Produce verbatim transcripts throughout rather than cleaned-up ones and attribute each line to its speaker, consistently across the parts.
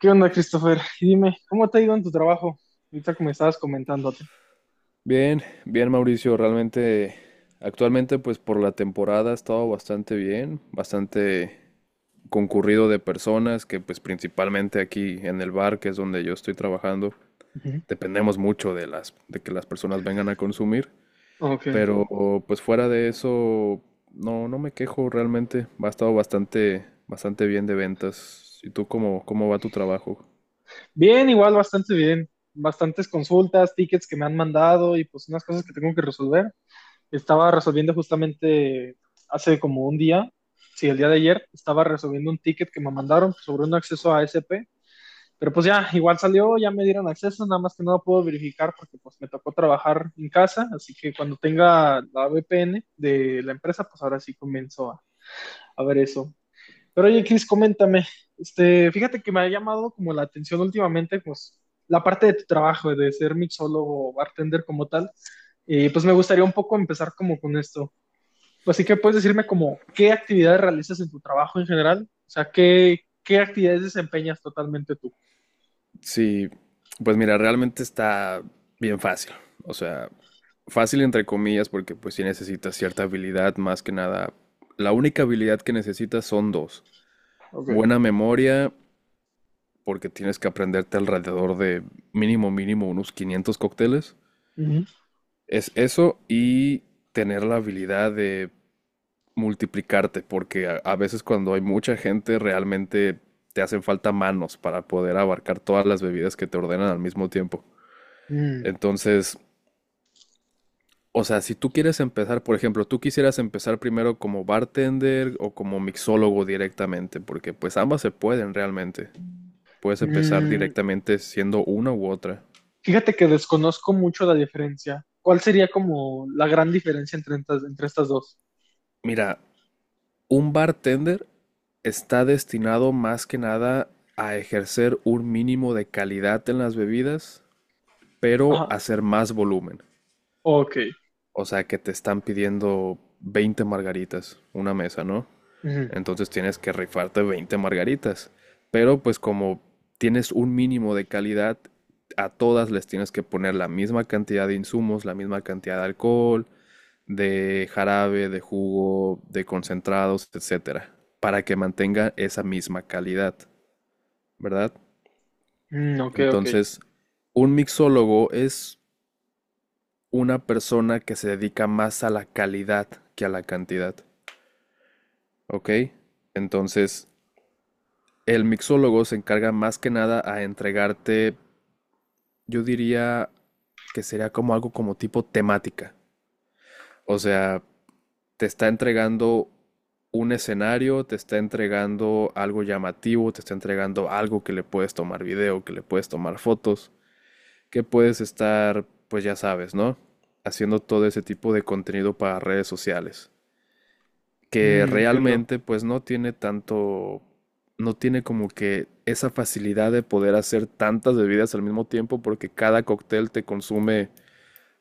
Speaker 1: ¿Qué onda, Christopher? Y Dime, ¿cómo te ha ido en tu trabajo? Ahorita que me estabas comentándote.
Speaker 2: Bien, bien Mauricio, realmente actualmente pues por la temporada ha estado bastante bien, bastante concurrido de personas que pues principalmente aquí en el bar, que es donde yo estoy trabajando,
Speaker 1: Ujú.
Speaker 2: dependemos mucho de las de que las personas vengan a consumir,
Speaker 1: Ok.
Speaker 2: pero, ujú, pues fuera de eso no no me quejo realmente, ha estado bastante bastante bien de ventas. ¿Y tú cómo cómo va tu trabajo?
Speaker 1: Bien, igual, bastante bien. Bastantes consultas, tickets que me han mandado y pues unas cosas que tengo que resolver. Estaba resolviendo justamente hace como un día, sí, el día de ayer, estaba resolviendo un ticket que me mandaron sobre un acceso a ASP. Pero pues ya, igual salió, ya me dieron acceso, nada más que no lo puedo verificar porque pues me tocó trabajar en casa, así que cuando tenga la V P N de la empresa, pues ahora sí comienzo a, a ver eso. Pero oye, Cris, coméntame, este, fíjate que me ha llamado como la atención últimamente, pues, la parte de tu trabajo, de ser mixólogo o bartender como tal, y pues me gustaría un poco empezar como con esto. Pues sí que puedes decirme como, ¿qué actividades realizas en tu trabajo en general? O sea, ¿qué, qué actividades desempeñas totalmente tú?
Speaker 2: Sí, pues mira, realmente está bien fácil. O sea, fácil entre comillas porque pues sí necesitas cierta habilidad, más que nada. La única habilidad que necesitas son dos.
Speaker 1: Ok.
Speaker 2: Buena memoria, porque tienes que aprenderte alrededor de mínimo, mínimo unos quinientos cócteles.
Speaker 1: Ujú.
Speaker 2: Es eso y tener la habilidad de multiplicarte, porque a, a veces cuando hay mucha gente realmente te hacen falta manos para poder abarcar todas las bebidas que te ordenan al mismo tiempo.
Speaker 1: Mm,
Speaker 2: Entonces, o sea, si tú quieres empezar, por ejemplo, tú quisieras empezar primero como bartender o como mixólogo directamente, porque pues ambas se pueden realmente. Puedes empezar
Speaker 1: mm,
Speaker 2: directamente siendo una u otra.
Speaker 1: fíjate que desconozco mucho la diferencia. ¿Cuál sería como la gran diferencia entre, estas- entre estas dos?
Speaker 2: Mira, un bartender está destinado más que nada a ejercer un mínimo de calidad en las bebidas, pero
Speaker 1: Ajá.
Speaker 2: hacer más volumen.
Speaker 1: Ok.
Speaker 2: O sea, que te están pidiendo veinte margaritas, una mesa, ¿no?
Speaker 1: Ujú.
Speaker 2: Entonces tienes que rifarte veinte margaritas. Pero pues como tienes un mínimo de calidad, a todas les tienes que poner la misma cantidad de insumos, la misma cantidad de alcohol, de jarabe, de jugo, de concentrados, etcétera, para que mantenga esa misma calidad, ¿verdad?
Speaker 1: Mm, ok, ok.
Speaker 2: Entonces, un mixólogo es una persona que se dedica más a la calidad que a la cantidad, ¿ok? Entonces, el mixólogo se encarga más que nada a entregarte, yo diría que sería como algo como tipo temática. O sea, te está entregando un escenario, te está entregando algo llamativo, te está entregando algo que le puedes tomar video, que le puedes tomar fotos, que puedes estar, pues ya sabes, ¿no? Haciendo todo ese tipo de contenido para redes sociales, que
Speaker 1: Mm, entiendo.
Speaker 2: realmente pues no tiene tanto, no tiene como que esa facilidad de poder hacer tantas bebidas al mismo tiempo porque cada cóctel te consume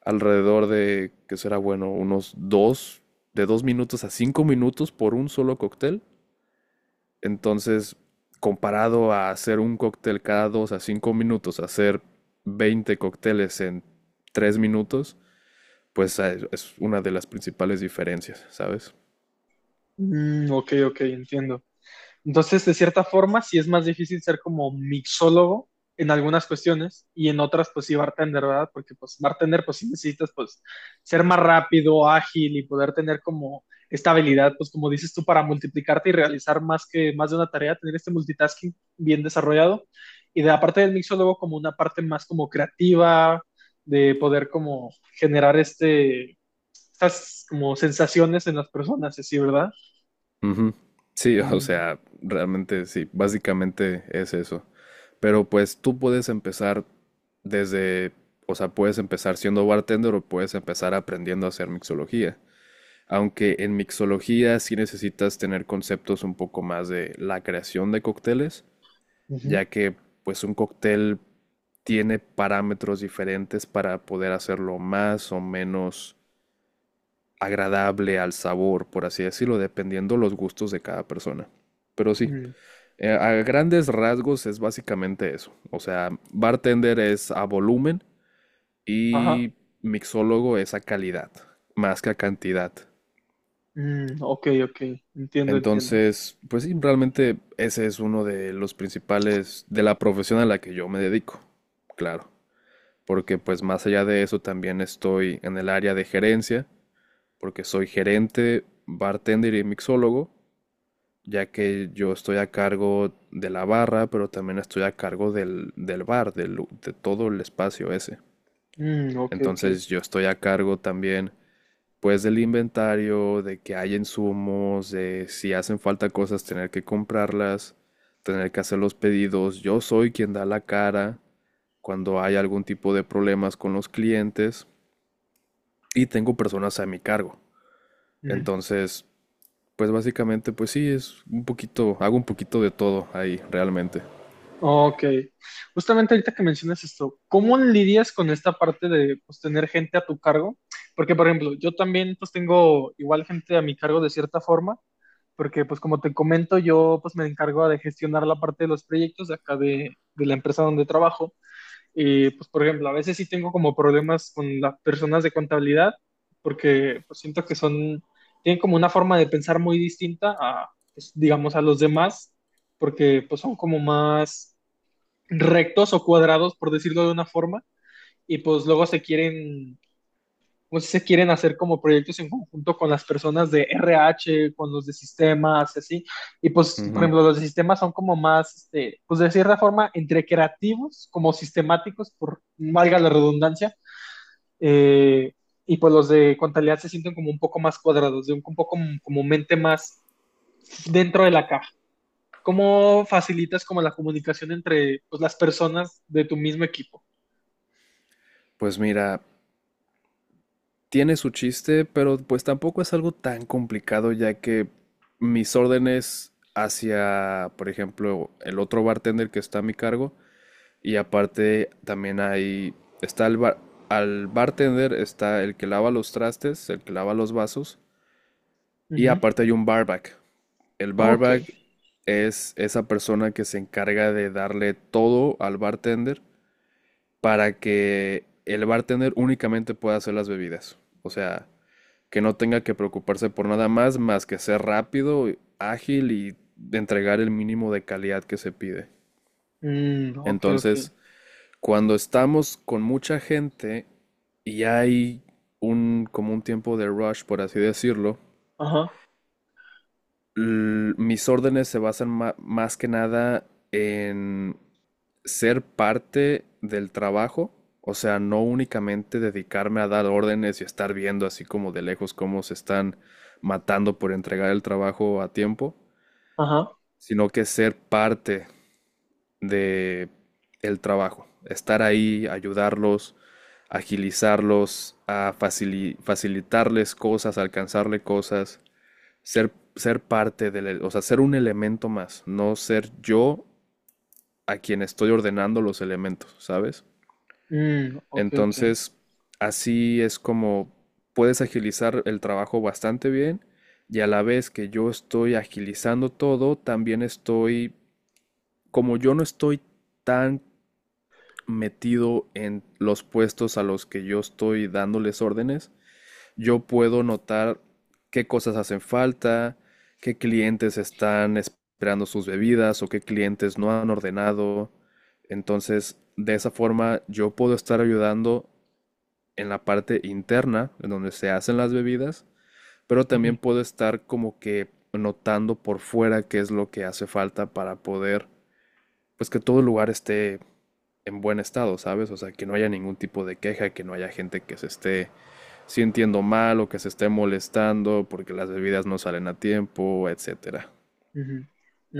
Speaker 2: alrededor de, que será bueno, unos dos, de dos minutos a cinco minutos por un solo cóctel. Entonces, comparado a hacer un cóctel cada dos a cinco minutos, hacer veinte cócteles en tres minutos, pues es una de las principales diferencias, ¿sabes?
Speaker 1: Mm, ok, ok, entiendo. Entonces, de cierta forma, sí es más difícil ser como mixólogo en algunas cuestiones y en otras, pues sí, bartender, ¿verdad? Porque pues bartender, pues sí necesitas, pues, ser más rápido, ágil y poder tener como esta habilidad, pues como dices tú, para multiplicarte y realizar más que más de una tarea, tener este multitasking bien desarrollado. Y de la parte del mixólogo como una parte más como creativa, de poder como generar este estas como sensaciones en las personas, así, ¿verdad?
Speaker 2: Ujú. Sí, o
Speaker 1: Mm,
Speaker 2: sea, realmente sí, básicamente es eso. Pero pues tú puedes empezar desde, o sea, puedes empezar siendo bartender o puedes empezar aprendiendo a hacer mixología. Aunque en mixología sí necesitas tener conceptos un poco más de la creación de cócteles,
Speaker 1: ujú,
Speaker 2: ya que pues un cóctel tiene parámetros diferentes para poder hacerlo más o menos agradable al sabor, por así decirlo, dependiendo los gustos de cada persona. Pero sí,
Speaker 1: mm,
Speaker 2: eh, a grandes rasgos es básicamente eso. O sea, bartender es a volumen
Speaker 1: ajá.
Speaker 2: y mixólogo es a calidad, más que a cantidad.
Speaker 1: Mm, ok, ok. Entiendo, entiendo.
Speaker 2: Entonces, pues sí, realmente ese es uno de los principales de la profesión a la que yo me dedico, claro. Porque pues más allá de eso también estoy en el área de gerencia, porque soy gerente, bartender y mixólogo, ya que yo estoy a cargo de la barra, pero también estoy a cargo del, del bar, del lu- de todo el espacio ese.
Speaker 1: Mm, ok, ok.
Speaker 2: Entonces yo estoy a cargo también, pues, del inventario, de que hay insumos, de si hacen falta cosas, tener que comprarlas, tener que hacer los pedidos. Yo soy quien da la cara cuando hay algún tipo de problemas con los clientes y tengo personas a mi cargo.
Speaker 1: Mm,
Speaker 2: Entonces, pues básicamente, pues sí, es un poquito, hago un poquito de todo ahí realmente.
Speaker 1: ok. Justamente ahorita que mencionas esto, ¿cómo lidias con esta parte de pues, tener gente a tu cargo? Porque, por ejemplo, yo también pues tengo igual gente a mi cargo de cierta forma, porque pues como te comento, yo pues me encargo de gestionar la parte de los proyectos de acá de de la empresa donde trabajo. Y pues, por ejemplo, a veces sí tengo como problemas con las personas de contabilidad porque pues, siento que son, tienen como una forma de pensar muy distinta a, pues, digamos, a los demás, porque pues son como más rectos o cuadrados, por decirlo de una forma, y pues luego se quieren muchos se quieren hacer como proyectos en conjunto con las personas de R H, con los de sistemas, así. Y pues, por
Speaker 2: Ujú.
Speaker 1: ejemplo, los de sistemas son como más, este, pues de cierta forma, entre creativos, como sistemáticos, por valga la redundancia. Eh, y pues los de contabilidad se sienten como un poco más cuadrados, de un, un poco como, como mente más dentro de la caja. ¿Cómo facilitas como la comunicación entre pues, las personas de tu mismo equipo?
Speaker 2: Pues mira, tiene su chiste, pero pues tampoco es algo tan complicado ya que mis órdenes hacia, por ejemplo, el otro bartender que está a mi cargo y aparte también hay, está el bar- al bartender está el que lava los trastes, el que lava los vasos y
Speaker 1: Ujú.
Speaker 2: aparte hay un barback. El
Speaker 1: Ok.
Speaker 2: barback es esa persona que se encarga de darle todo al bartender para que el bartender únicamente pueda hacer las bebidas. O sea, que no tenga que preocuparse por nada más, más que ser rápido, ágil y de entregar el mínimo de calidad que se pide.
Speaker 1: Mm, ok, ok.
Speaker 2: Entonces, cuando estamos con mucha gente y hay un como un tiempo de rush, por así decirlo,
Speaker 1: Ajá,
Speaker 2: l- mis órdenes se basan ma- más que nada en ser parte del trabajo, o sea, no únicamente dedicarme a dar órdenes y estar viendo así como de lejos cómo se están matando por entregar el trabajo a tiempo,
Speaker 1: ajá.
Speaker 2: sino que ser parte de el trabajo, estar ahí, ayudarlos, agilizarlos, a facili- facilitarles cosas, alcanzarle cosas, ser, ser parte del, e, o sea, ser un elemento más, no ser yo a quien estoy ordenando los elementos, ¿sabes?
Speaker 1: Mm, ok, ok.
Speaker 2: Entonces, así es como puedes agilizar el trabajo bastante bien y a la vez que yo estoy agilizando todo, también estoy, como yo no estoy tan metido en los puestos a los que yo estoy dándoles órdenes, yo puedo notar qué cosas hacen falta, qué clientes están esperando sus bebidas o qué clientes no han ordenado. Entonces, de esa forma yo puedo estar ayudando en la parte interna, en donde se hacen las bebidas, pero
Speaker 1: Ujú,
Speaker 2: también puedo estar como que notando por fuera qué es lo que hace falta para poder, pues que todo el lugar esté en buen estado, ¿sabes? O sea, que no haya ningún tipo de queja, que no haya gente que se esté si entiendo mal o que se esté molestando porque las bebidas no salen a tiempo, etcétera.
Speaker 1: ujú.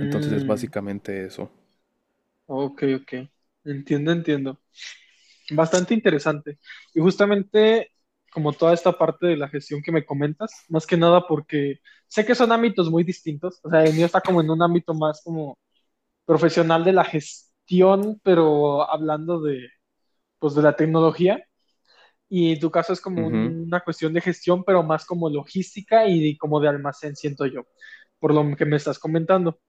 Speaker 2: Entonces es básicamente eso.
Speaker 1: ok, ok. Entiendo, entiendo. Bastante interesante. Y justamente como toda esta parte de la gestión que me comentas, más que nada porque sé que son ámbitos muy distintos. O sea, el mío está como en un ámbito más como profesional de la gestión, pero hablando de, pues, de la tecnología. Y en tu caso es como
Speaker 2: Ujú.
Speaker 1: una cuestión de gestión, pero más como logística y como de almacén, siento yo, por lo que me estás comentando.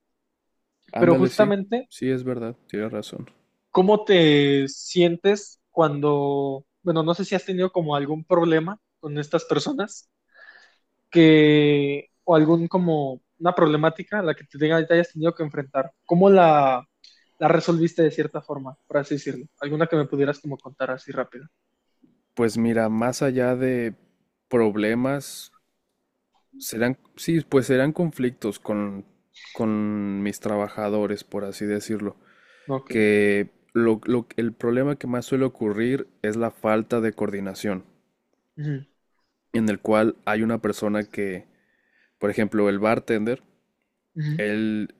Speaker 1: Pero
Speaker 2: Ándale, sí,
Speaker 1: justamente,
Speaker 2: sí es verdad, tienes razón.
Speaker 1: ¿cómo te sientes cuando, bueno, no sé si has tenido como algún problema con estas personas que, o algún como una problemática a la que te, tenga- te hayas tenido que enfrentar? ¿Cómo la, la resolviste de cierta forma, por así decirlo? ¿Alguna que me pudieras como contar así rápido?
Speaker 2: Pues mira, más allá de problemas, serán, sí, pues serán conflictos con, con mis trabajadores, por así decirlo.
Speaker 1: Ok.
Speaker 2: Que lo- lo- el problema que más suele ocurrir es la falta de coordinación,
Speaker 1: Ujú,
Speaker 2: en el cual hay una persona que, por ejemplo, el bartender.
Speaker 1: ujú.
Speaker 2: Él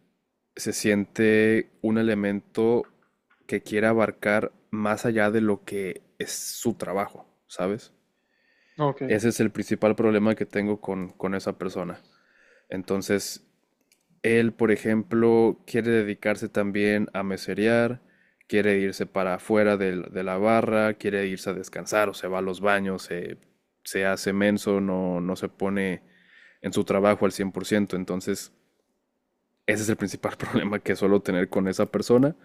Speaker 2: se siente un elemento que quiere abarcar más allá de lo que es su trabajo, ¿sabes?
Speaker 1: Ok.
Speaker 2: Ese es el principal problema que tengo con, con esa persona. Entonces, él, por ejemplo, quiere dedicarse también a meserear, quiere irse para afuera del- de, la barra, quiere irse a descansar, o se va a los baños, se se hace menso, no, no se pone en su trabajo al cien por ciento. Entonces, ese es el principal problema que suelo tener con esa persona.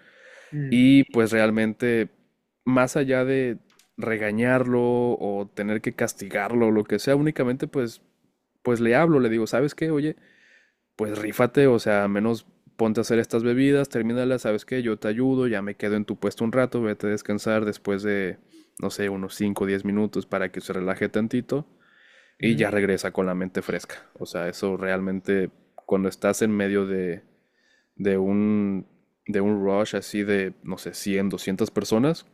Speaker 1: Mm,
Speaker 2: Y pues realmente, más allá de regañarlo o tener que castigarlo o lo que sea, únicamente pues, pues le hablo, le digo, ¿sabes qué? Oye, pues rífate, o sea, al menos ponte a hacer estas bebidas, termínalas. ¿Sabes qué? Yo te ayudo, ya me quedo en tu puesto un rato, vete a descansar después de, no sé, unos cinco o diez minutos para que se relaje tantito y
Speaker 1: ujú,
Speaker 2: ya regresa con la mente fresca. O sea, eso realmente cuando estás en medio de, de un, de un rush así de, no sé, cien doscientas personas,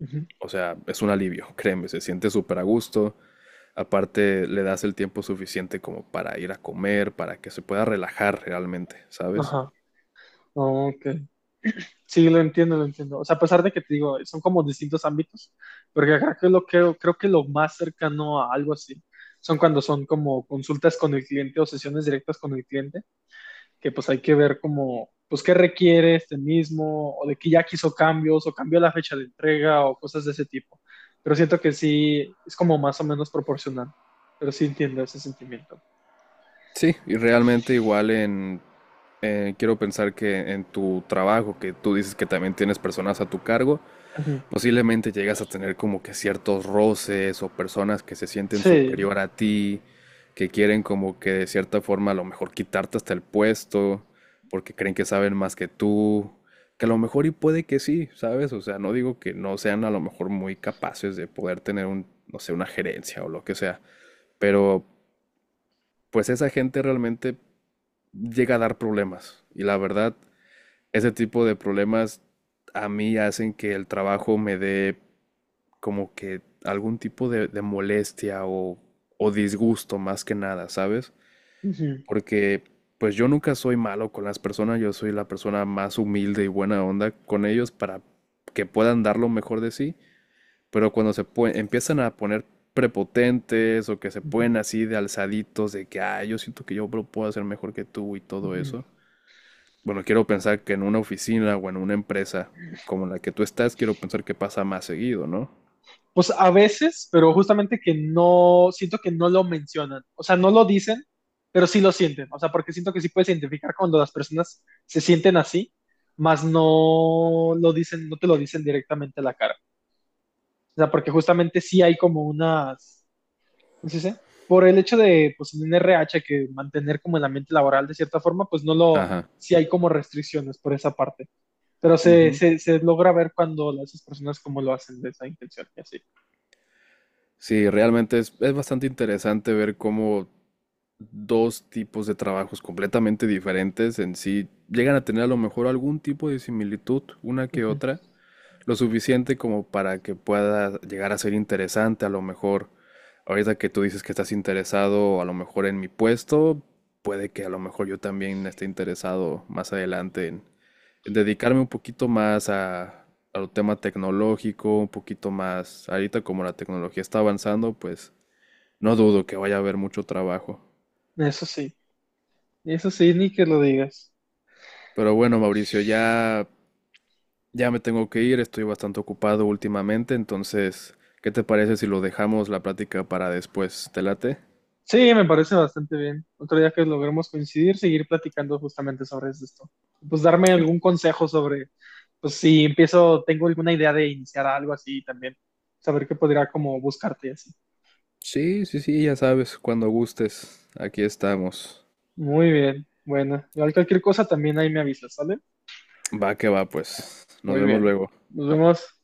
Speaker 1: ujú.
Speaker 2: o sea, es un alivio, créeme, se siente súper a gusto. Aparte, le das el tiempo suficiente como para ir a comer, para que se pueda relajar realmente, ¿sabes?
Speaker 1: Ajá. Ok. Sí, lo entiendo, lo entiendo. O sea, a pesar de que te digo, son como distintos ámbitos, porque creo que lo que creo que lo más cercano a algo así son cuando son como consultas con el cliente o sesiones directas con el cliente, que pues hay que ver como, pues qué requiere este mismo, o de que ya quiso cambios, o cambió la fecha de entrega, o cosas de ese tipo. Pero siento que sí, es como más o menos proporcional, pero sí entiendo ese sentimiento.
Speaker 2: Sí, y realmente igual en, eh, quiero pensar que en tu trabajo, que tú dices que también tienes personas a tu cargo,
Speaker 1: Ujú.
Speaker 2: posiblemente llegas a tener como que ciertos roces o personas que se sienten
Speaker 1: Sí.
Speaker 2: superior a ti, que quieren como que de cierta forma a lo mejor quitarte hasta el puesto, porque creen que saben más que tú, que a lo mejor y puede que sí, ¿sabes? O sea, no digo que no sean a lo mejor muy capaces de poder tener un, no sé, una gerencia o lo que sea, pero pues esa gente realmente llega a dar problemas y la verdad, ese tipo de problemas a mí hacen que el trabajo me dé como que algún tipo de, de molestia o, o disgusto más que nada, ¿sabes?
Speaker 1: Ujú.
Speaker 2: Porque pues yo nunca soy malo con las personas, yo soy la persona más humilde y buena onda con ellos para que puedan dar lo mejor de sí, pero cuando se pue- empiezan a poner prepotentes o que se
Speaker 1: Ujú.
Speaker 2: ponen así de alzaditos de que, ah, yo siento que yo lo puedo hacer mejor que tú y todo
Speaker 1: Ujú.
Speaker 2: eso. Bueno, quiero pensar que en una oficina o en una empresa como la que tú estás, quiero pensar que pasa más seguido, ¿no?
Speaker 1: Pues a veces, pero justamente que no, siento que no lo mencionan, o sea, no lo dicen, pero sí lo sienten, o sea, porque siento que sí puedes identificar cuando las personas se sienten así, más no lo dicen, no te lo dicen directamente a la cara, o sea, porque justamente sí hay como unas, ¿cómo se dice? Por el hecho de, pues en un R H que mantener como el ambiente laboral de cierta forma, pues no lo,
Speaker 2: Ajá.
Speaker 1: sí hay como restricciones por esa parte, pero se,
Speaker 2: Ujú.
Speaker 1: se, se logra ver cuando las personas como lo hacen de esa intención y así.
Speaker 2: Sí, realmente es, es bastante interesante ver cómo dos tipos de trabajos completamente diferentes en sí llegan a tener a lo mejor algún tipo de similitud una que
Speaker 1: Ujú.
Speaker 2: otra, lo suficiente como para que pueda llegar a ser interesante a lo mejor. Ahorita que tú dices que estás interesado a lo mejor en mi puesto, puede que a lo mejor yo también esté interesado más adelante en, en dedicarme un poquito más a, al tema tecnológico, un poquito más, ahorita como la tecnología está avanzando, pues no dudo que vaya a haber mucho trabajo.
Speaker 1: Eso sí. Eso sí, ni que lo digas.
Speaker 2: Pero bueno, Mauricio, ya, ya me tengo que ir, estoy bastante ocupado últimamente, entonces, ¿qué te parece si lo dejamos la plática para después? ¿Te late?
Speaker 1: Sí, me parece bastante bien. Otro día que logremos coincidir, seguir platicando justamente sobre esto. Pues darme algún consejo sobre, pues si empiezo, tengo alguna idea de iniciar algo así también, saber qué podría como buscarte y así.
Speaker 2: Sí, sí, sí, ya sabes, cuando gustes, aquí estamos.
Speaker 1: Muy bien, bueno, igual cualquier cosa también ahí me avisas, ¿sale?
Speaker 2: Va que va, pues. Nos
Speaker 1: Muy
Speaker 2: vemos
Speaker 1: bien,
Speaker 2: luego.
Speaker 1: nos vemos.